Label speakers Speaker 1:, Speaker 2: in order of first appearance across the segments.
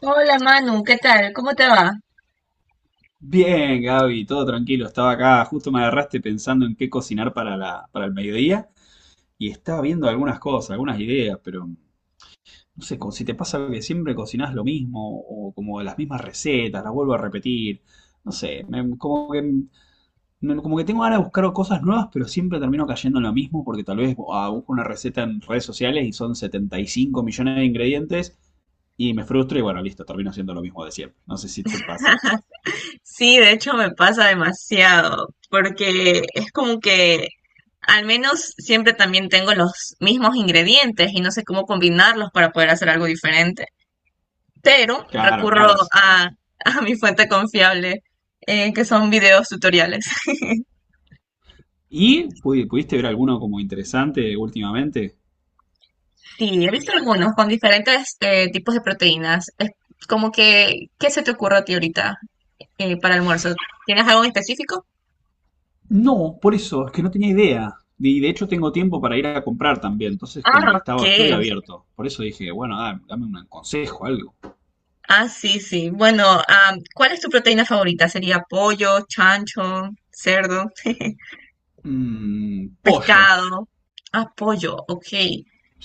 Speaker 1: Hola Manu, ¿qué tal? ¿Cómo te va?
Speaker 2: Bien, Gaby, todo tranquilo. Estaba acá, justo me agarraste pensando en qué cocinar para el mediodía y estaba viendo algunas cosas, algunas ideas, pero no sé, como si te pasa que siempre cocinás lo mismo o como las mismas recetas, las vuelvo a repetir. No sé, como que tengo ganas de buscar cosas nuevas, pero siempre termino cayendo en lo mismo porque tal vez busco una receta en redes sociales y son 75 millones de ingredientes y me frustro y bueno, listo, termino haciendo lo mismo de siempre. No sé si te pasa.
Speaker 1: Sí, de hecho me pasa demasiado, porque es como que al menos siempre también tengo los mismos ingredientes y no sé cómo combinarlos para poder hacer algo diferente. Pero
Speaker 2: Claro,
Speaker 1: recurro
Speaker 2: claro, sí.
Speaker 1: a mi fuente confiable, que son videos tutoriales.
Speaker 2: ¿Y pudiste ver alguno como interesante últimamente?
Speaker 1: Sí, he visto algunos con diferentes tipos de proteínas. Es como que, ¿qué se te ocurre a ti ahorita para almuerzo? ¿Tienes algo en específico?
Speaker 2: No, por eso, es que no tenía idea. Y de hecho tengo tiempo para ir a comprar también, entonces como
Speaker 1: Ah,
Speaker 2: que
Speaker 1: ok.
Speaker 2: estaba, estoy abierto. Por eso dije, bueno, dame un consejo, algo.
Speaker 1: Ah, sí, sí. Bueno, ¿cuál es tu proteína favorita? ¿Sería pollo, chancho, cerdo,
Speaker 2: Mm, pollo.
Speaker 1: pescado? Ah, pollo, ok.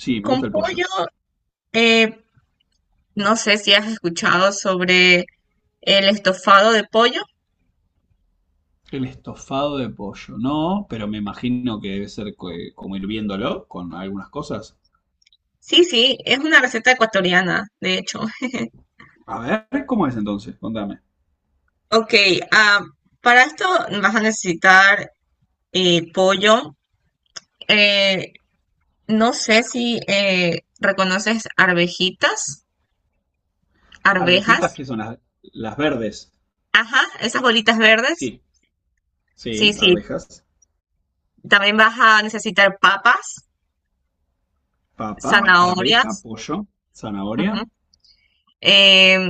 Speaker 2: Sí, me
Speaker 1: Con
Speaker 2: gusta el pollo.
Speaker 1: pollo, eh, no sé si has escuchado sobre el estofado de pollo.
Speaker 2: El estofado de pollo. No. Pero me imagino que debe ser como hirviéndolo con algunas cosas.
Speaker 1: Sí, sí, es una receta ecuatoriana, de hecho.
Speaker 2: A ver, ¿cómo es entonces? Contame.
Speaker 1: Ok, ah, para esto vas a necesitar pollo. Eh, no sé si reconoces arvejitas, arvejas.
Speaker 2: Arvejitas que son las verdes.
Speaker 1: Ajá, esas bolitas verdes.
Speaker 2: Sí,
Speaker 1: Sí,
Speaker 2: sí,
Speaker 1: sí.
Speaker 2: arvejas.
Speaker 1: También vas a necesitar papas,
Speaker 2: Papa, arveja,
Speaker 1: zanahorias,
Speaker 2: pollo,
Speaker 1: ujú,
Speaker 2: zanahoria.
Speaker 1: em,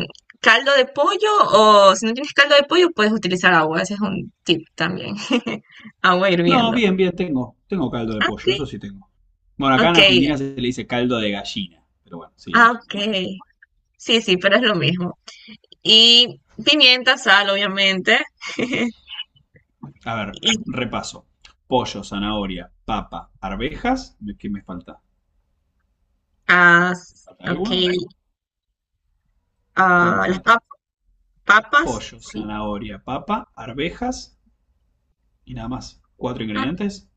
Speaker 1: caldo de pollo, o si no tienes caldo de pollo puedes utilizar agua. Ese es un tip también. Agua
Speaker 2: No,
Speaker 1: hirviendo.
Speaker 2: bien, bien, tengo. Tengo caldo de
Speaker 1: Ok,
Speaker 2: pollo, eso sí tengo. Bueno, acá en
Speaker 1: ok,
Speaker 2: Argentina se le dice caldo de gallina. Pero bueno, sí, es lo
Speaker 1: ah,
Speaker 2: mismo,
Speaker 1: ok.
Speaker 2: imagino.
Speaker 1: Sí, sí, pero es lo mismo. Y pimienta, sal, obviamente.
Speaker 2: A ver,
Speaker 1: Y,
Speaker 2: repaso. Pollo, zanahoria, papa, arvejas. ¿Qué me falta?
Speaker 1: ah,
Speaker 2: ¿Me falta
Speaker 1: ok,
Speaker 2: alguno? ¿Cuál me
Speaker 1: ah, las
Speaker 2: falta?
Speaker 1: pap- Papas.
Speaker 2: Pollo,
Speaker 1: Sí,
Speaker 2: zanahoria, papa, arvejas y nada más. Cuatro
Speaker 1: ah,
Speaker 2: ingredientes.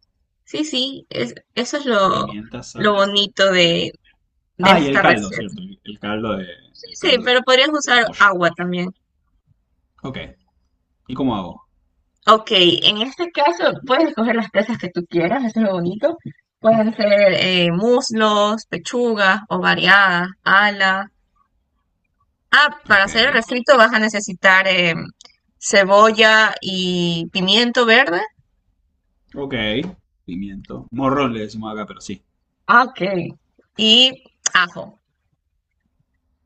Speaker 1: sí, sí. Eso es
Speaker 2: Pimienta,
Speaker 1: lo
Speaker 2: sal.
Speaker 1: bonito
Speaker 2: Bien.
Speaker 1: de
Speaker 2: Ah, y el
Speaker 1: esta
Speaker 2: caldo,
Speaker 1: receta.
Speaker 2: cierto. El caldo de,
Speaker 1: Sí,
Speaker 2: el
Speaker 1: sí,
Speaker 2: caldo
Speaker 1: pero podrías
Speaker 2: de
Speaker 1: usar
Speaker 2: pollo.
Speaker 1: agua también.
Speaker 2: Ok. ¿Y cómo hago?
Speaker 1: Ok, en este caso puedes escoger las presas que tú quieras, eso es lo bonito. Pueden ser muslos, pechugas, variadas, ala. Ah, para
Speaker 2: Ok.
Speaker 1: hacer el refrito vas a necesitar cebolla y pimiento verde.
Speaker 2: Ok. Pimiento. Morrón le decimos acá, pero sí.
Speaker 1: Ah, ok. Y ajo.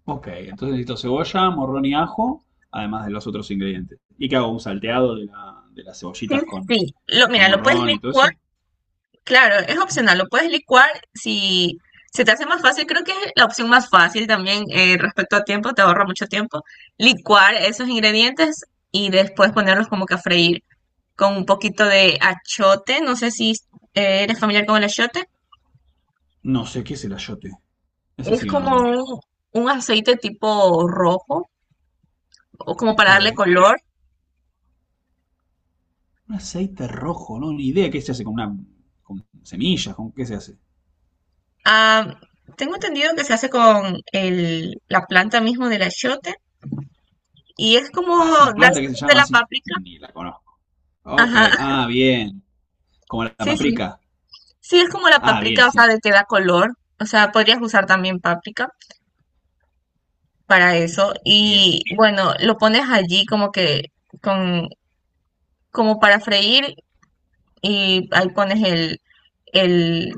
Speaker 2: Ok, entonces necesito cebolla, morrón y ajo, además de los otros ingredientes. ¿Y qué hago? ¿Un salteado de las
Speaker 1: Sí,
Speaker 2: cebollitas
Speaker 1: sí. Lo,
Speaker 2: con
Speaker 1: mira, lo puedes
Speaker 2: morrón y todo
Speaker 1: licuar.
Speaker 2: eso?
Speaker 1: Claro, es opcional, lo puedes licuar si se te hace más fácil, creo que es la opción más fácil también, respecto a tiempo, te ahorra mucho tiempo, licuar esos ingredientes y después ponerlos como que a freír con un poquito de achiote. No sé si eres familiar con el achiote,
Speaker 2: No sé qué es el ayote. Ese
Speaker 1: es
Speaker 2: sí que no lo
Speaker 1: como
Speaker 2: conozco.
Speaker 1: un aceite tipo rojo o como
Speaker 2: Ok.
Speaker 1: para darle color.
Speaker 2: Un aceite rojo, no, ni idea qué se hace con una con semillas, con qué se hace.
Speaker 1: Ah, tengo entendido que se hace con el, la planta mismo del achiote y es como
Speaker 2: Ah, es
Speaker 1: dar color
Speaker 2: una planta que se
Speaker 1: de
Speaker 2: llama
Speaker 1: la
Speaker 2: así.
Speaker 1: páprica.
Speaker 2: Ni la conozco. Ok,
Speaker 1: Ajá,
Speaker 2: ah, bien. Como la
Speaker 1: sí, sí.
Speaker 2: paprika.
Speaker 1: Sí, es como la
Speaker 2: Ah, bien,
Speaker 1: paprika, o sea,
Speaker 2: sí.
Speaker 1: de que da color. O sea, podrías usar también paprika para eso.
Speaker 2: Bien.
Speaker 1: Y bueno, lo pones allí como que con, como para freír, y ahí pones el,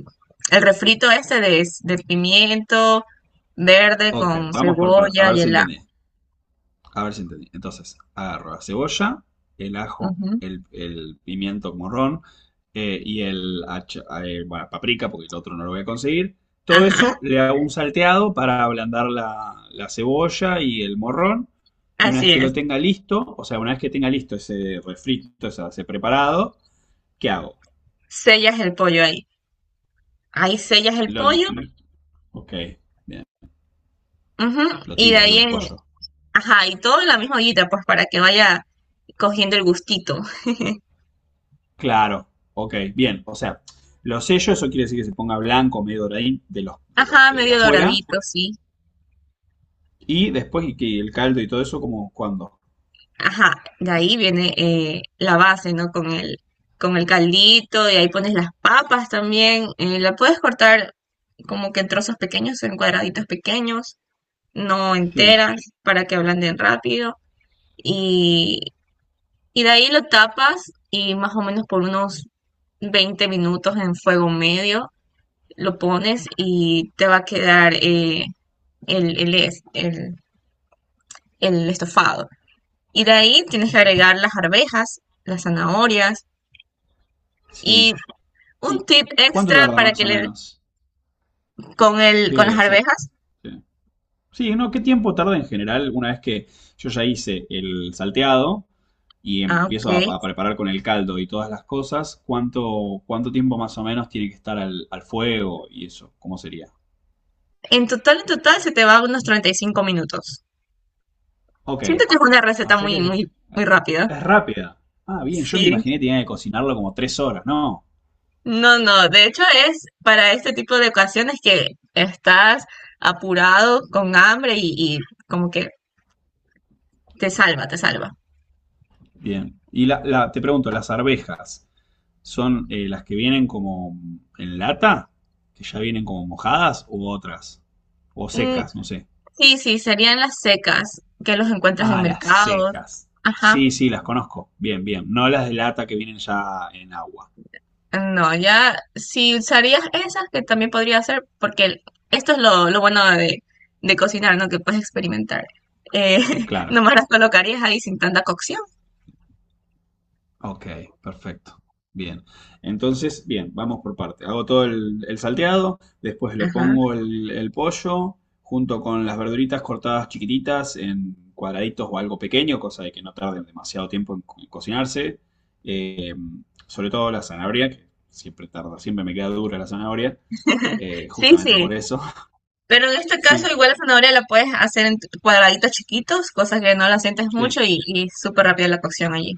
Speaker 1: el refrito este de pimiento verde
Speaker 2: Ok,
Speaker 1: con
Speaker 2: vamos a
Speaker 1: cebolla
Speaker 2: ver
Speaker 1: y
Speaker 2: si
Speaker 1: el
Speaker 2: entendí.
Speaker 1: ajo.
Speaker 2: A ver si entendí. Entonces, agarro la cebolla, el ajo,
Speaker 1: Ujú.
Speaker 2: el pimiento morrón y el, bueno, paprika, porque el otro no lo voy a conseguir. Todo
Speaker 1: Ajá,
Speaker 2: eso le hago un salteado para ablandar la cebolla y el morrón. Y una vez
Speaker 1: así
Speaker 2: que
Speaker 1: es.
Speaker 2: lo tenga listo, o sea, una vez que tenga listo ese refrito, o sea, ese preparado, ¿qué hago?
Speaker 1: Sellas el pollo ahí. Ahí sellas el
Speaker 2: Lo,
Speaker 1: pollo.
Speaker 2: ok, bien.
Speaker 1: Ujú.
Speaker 2: Lo
Speaker 1: Y de
Speaker 2: tiro ahí
Speaker 1: ahí
Speaker 2: al
Speaker 1: en,
Speaker 2: pollo.
Speaker 1: ajá, y todo en la misma ollita, pues para que vaya cogiendo el gustito.
Speaker 2: Claro, ok, bien. O sea, los sellos, eso quiere decir que se ponga blanco, medio doradín, de los,
Speaker 1: Ajá,
Speaker 2: de
Speaker 1: medio
Speaker 2: afuera.
Speaker 1: doradito, sí.
Speaker 2: Y después y que el caldo y todo eso, como cuándo.
Speaker 1: Ajá, de ahí viene la base, ¿no? Con el caldito, y ahí pones las papas también. La puedes cortar como que en trozos pequeños, en cuadraditos pequeños, no
Speaker 2: Sí,
Speaker 1: enteras, para que ablanden rápido. Y, y de ahí lo tapas y más o menos por unos 20 minutos en fuego medio lo pones y te va a quedar el, es- el estofado. Y de ahí tienes que agregar las arvejas, las zanahorias,
Speaker 2: sí.
Speaker 1: y un
Speaker 2: ¿Y
Speaker 1: tip
Speaker 2: cuánto
Speaker 1: extra
Speaker 2: tarda
Speaker 1: para
Speaker 2: más
Speaker 1: que
Speaker 2: o
Speaker 1: le
Speaker 2: menos?
Speaker 1: con el con las
Speaker 2: ¿Qué? O sea,
Speaker 1: arvejas.
Speaker 2: qué- sí, ¿no? ¿Qué tiempo tarda en general una vez que yo ya hice el salteado y
Speaker 1: Ah,
Speaker 2: empiezo
Speaker 1: ok.
Speaker 2: a preparar con el caldo y todas las cosas? Cuánto tiempo más o menos tiene que estar al fuego y eso? ¿Cómo sería?
Speaker 1: En total se te va unos 35 minutos.
Speaker 2: Ok.
Speaker 1: Siento que es una
Speaker 2: Ah, o
Speaker 1: receta
Speaker 2: sea que
Speaker 1: muy, muy, muy rápida.
Speaker 2: es rápida. Ah, bien, yo me
Speaker 1: Sí.
Speaker 2: imaginé que tenía que cocinarlo como 3 horas. No.
Speaker 1: No, no, de hecho es para este tipo de ocasiones que estás apurado, con hambre y como que te salva, te salva.
Speaker 2: Bien. Y te pregunto, ¿las arvejas son las que vienen como en lata? ¿Que ya vienen como mojadas u otras? O
Speaker 1: Mm,
Speaker 2: secas, no sé.
Speaker 1: sí, sí, serían las secas que los encuentras en
Speaker 2: Ah, las
Speaker 1: mercados.
Speaker 2: secas.
Speaker 1: Ajá.
Speaker 2: Sí, sí, las conozco. Bien, bien. No las de lata que vienen ya en agua.
Speaker 1: No, ya si usarías esas, que también podría ser, porque esto es lo bueno de cocinar, ¿no? Que puedes experimentar. Eh,
Speaker 2: Claro.
Speaker 1: nomás las colocarías ahí sin tanta cocción.
Speaker 2: Ok, perfecto. Bien. Entonces, bien, vamos por parte. Hago todo el salteado, después le
Speaker 1: Ajá.
Speaker 2: pongo el pollo junto con las verduritas cortadas chiquititas en cuadraditos o algo pequeño, cosa de que no tarden demasiado tiempo en, en cocinarse. Eh, sobre todo la zanahoria, que siempre tarda, siempre me queda dura la zanahoria,
Speaker 1: Sí,
Speaker 2: justamente
Speaker 1: sí.
Speaker 2: por eso.
Speaker 1: Pero en este caso,
Speaker 2: Sí,
Speaker 1: igual la zanahoria la puedes hacer en cuadraditos chiquitos, cosas que no la sientes
Speaker 2: sí.
Speaker 1: mucho y súper rápida la cocción allí.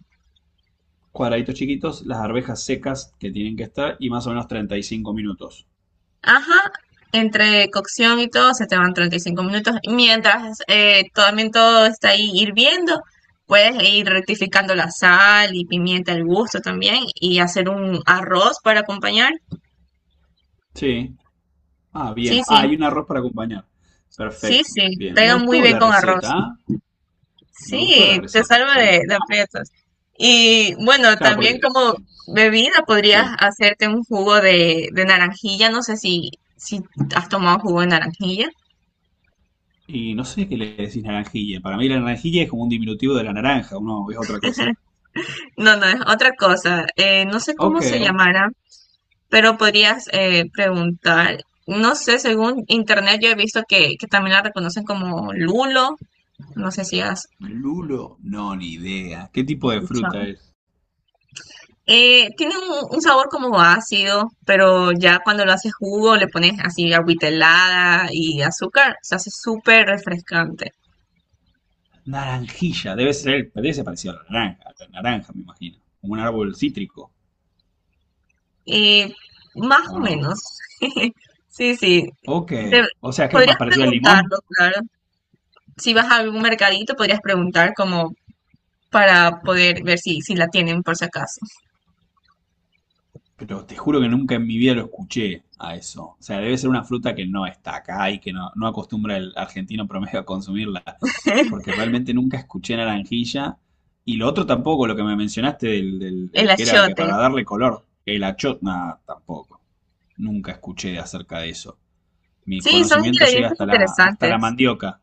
Speaker 2: Cuadraditos chiquitos, las arvejas secas que tienen que estar y más o menos 35 minutos.
Speaker 1: Ajá, entre cocción y todo se te van 35 minutos. Mientras también todo está ahí hirviendo, puedes ir rectificando la sal y pimienta al gusto también y hacer un arroz para acompañar.
Speaker 2: Sí. Ah,
Speaker 1: Sí,
Speaker 2: bien. Ah,
Speaker 1: sí,
Speaker 2: hay un arroz para acompañar.
Speaker 1: sí,
Speaker 2: Perfecto.
Speaker 1: sí,
Speaker 2: Bien. Me
Speaker 1: pega muy
Speaker 2: gustó
Speaker 1: bien
Speaker 2: la
Speaker 1: con
Speaker 2: receta,
Speaker 1: arroz.
Speaker 2: ¿ah? Me gustó la
Speaker 1: Sí, te
Speaker 2: receta,
Speaker 1: salva
Speaker 2: ¿ah?
Speaker 1: de aprietos. Y bueno,
Speaker 2: Claro,
Speaker 1: también
Speaker 2: porque
Speaker 1: como bebida podrías
Speaker 2: Sí.
Speaker 1: hacerte un jugo de naranjilla. No sé si, si has tomado jugo de naranjilla.
Speaker 2: Y no sé qué le decís naranjilla. Para mí la naranjilla es como un diminutivo de la naranja. Uno es otra cosa.
Speaker 1: No, no, es otra cosa. No sé cómo
Speaker 2: Ok.
Speaker 1: se llamará, pero podrías preguntar. No sé, según internet yo he visto que también la reconocen como lulo. No sé si has
Speaker 2: Lulo, no, ni idea. ¿Qué tipo de fruta
Speaker 1: escuchado.
Speaker 2: es?
Speaker 1: Tiene un sabor como ácido, pero ya cuando lo haces jugo le pones así agüita helada y azúcar. Se hace súper refrescante.
Speaker 2: Naranjilla. Debe ser parecido a la naranja. A la naranja, me imagino. Como un árbol cítrico.
Speaker 1: Eh, más
Speaker 2: ¿O
Speaker 1: o
Speaker 2: no?
Speaker 1: menos. Sí, sí.
Speaker 2: Ok.
Speaker 1: Te-
Speaker 2: ¿O sea, que es más
Speaker 1: podrías
Speaker 2: parecido al limón?
Speaker 1: preguntarlo, claro. Si vas a algún mercadito, podrías preguntar como para poder ver si, si la tienen por si acaso.
Speaker 2: Pero te juro que nunca en mi vida lo escuché a eso. O sea, debe ser una fruta que no está acá y que no, no acostumbra el argentino promedio a consumirla. Porque realmente nunca escuché naranjilla. Y lo otro tampoco, lo que me mencionaste
Speaker 1: El
Speaker 2: del que era que
Speaker 1: achiote.
Speaker 2: para darle color, el achotna tampoco. Nunca escuché acerca de eso. Mi
Speaker 1: Sí, son
Speaker 2: conocimiento llega
Speaker 1: ingredientes
Speaker 2: hasta hasta la
Speaker 1: interesantes.
Speaker 2: mandioca.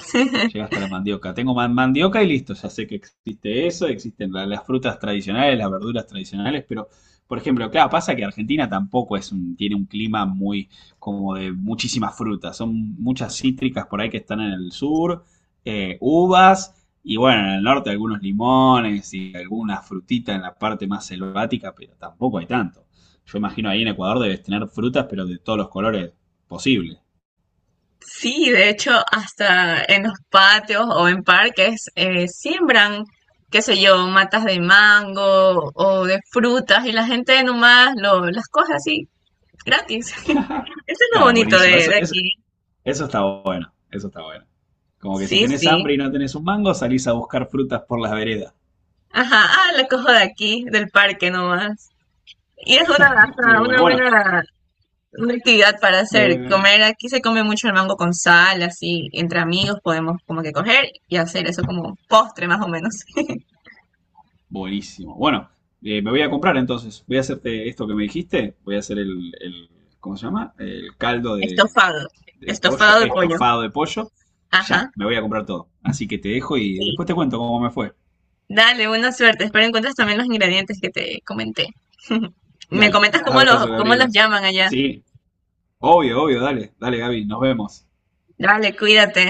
Speaker 2: Llega hasta la mandioca. Tengo mandioca y listo, ya sé que existe eso, existen las frutas tradicionales, las verduras tradicionales, pero, por ejemplo, claro, pasa que Argentina tampoco tiene un clima muy como de muchísimas frutas. Son muchas cítricas por ahí que están en el sur, uvas, y bueno, en el norte algunos limones y alguna frutita en la parte más selvática, pero tampoco hay tanto. Yo imagino ahí en Ecuador debes tener frutas, pero de todos los colores posibles.
Speaker 1: Sí, de hecho, hasta en los patios o en parques siembran, qué sé yo, matas de mango o de frutas y la gente nomás lo, las coge así gratis. Eso es lo
Speaker 2: Claro,
Speaker 1: bonito
Speaker 2: buenísimo. Eso,
Speaker 1: de
Speaker 2: es
Speaker 1: aquí.
Speaker 2: eso está bueno, eso está bueno. Como que si
Speaker 1: Sí,
Speaker 2: tenés
Speaker 1: sí.
Speaker 2: hambre y no tenés un mango, salís a buscar frutas por las veredas.
Speaker 1: Ajá, ah, la cojo de aquí, del parque nomás. Y es una,
Speaker 2: Muy
Speaker 1: hasta
Speaker 2: bueno,
Speaker 1: una
Speaker 2: bueno,
Speaker 1: buena una actividad para hacer,
Speaker 2: eh,
Speaker 1: comer, aquí se come mucho el mango con sal, así, entre amigos podemos como que coger y hacer eso como postre más o menos.
Speaker 2: buenísimo. Bueno, me voy a comprar entonces. Voy a hacerte esto que me dijiste. Voy a hacer ¿cómo se llama? El caldo
Speaker 1: Estofado,
Speaker 2: de
Speaker 1: estofado
Speaker 2: pollo,
Speaker 1: de pollo.
Speaker 2: estofado de pollo.
Speaker 1: Ajá,
Speaker 2: Ya, me voy a comprar todo. Así que te dejo y
Speaker 1: sí.
Speaker 2: después te cuento cómo me fue.
Speaker 1: Dale, buena suerte. Espero encuentres también los ingredientes que te comenté. Me
Speaker 2: Dale,
Speaker 1: comentas
Speaker 2: abrazo,
Speaker 1: cómo los
Speaker 2: Gabriela.
Speaker 1: llaman allá.
Speaker 2: Sí, obvio, obvio, dale, dale, Gaby, nos vemos.
Speaker 1: Dale, cuídate.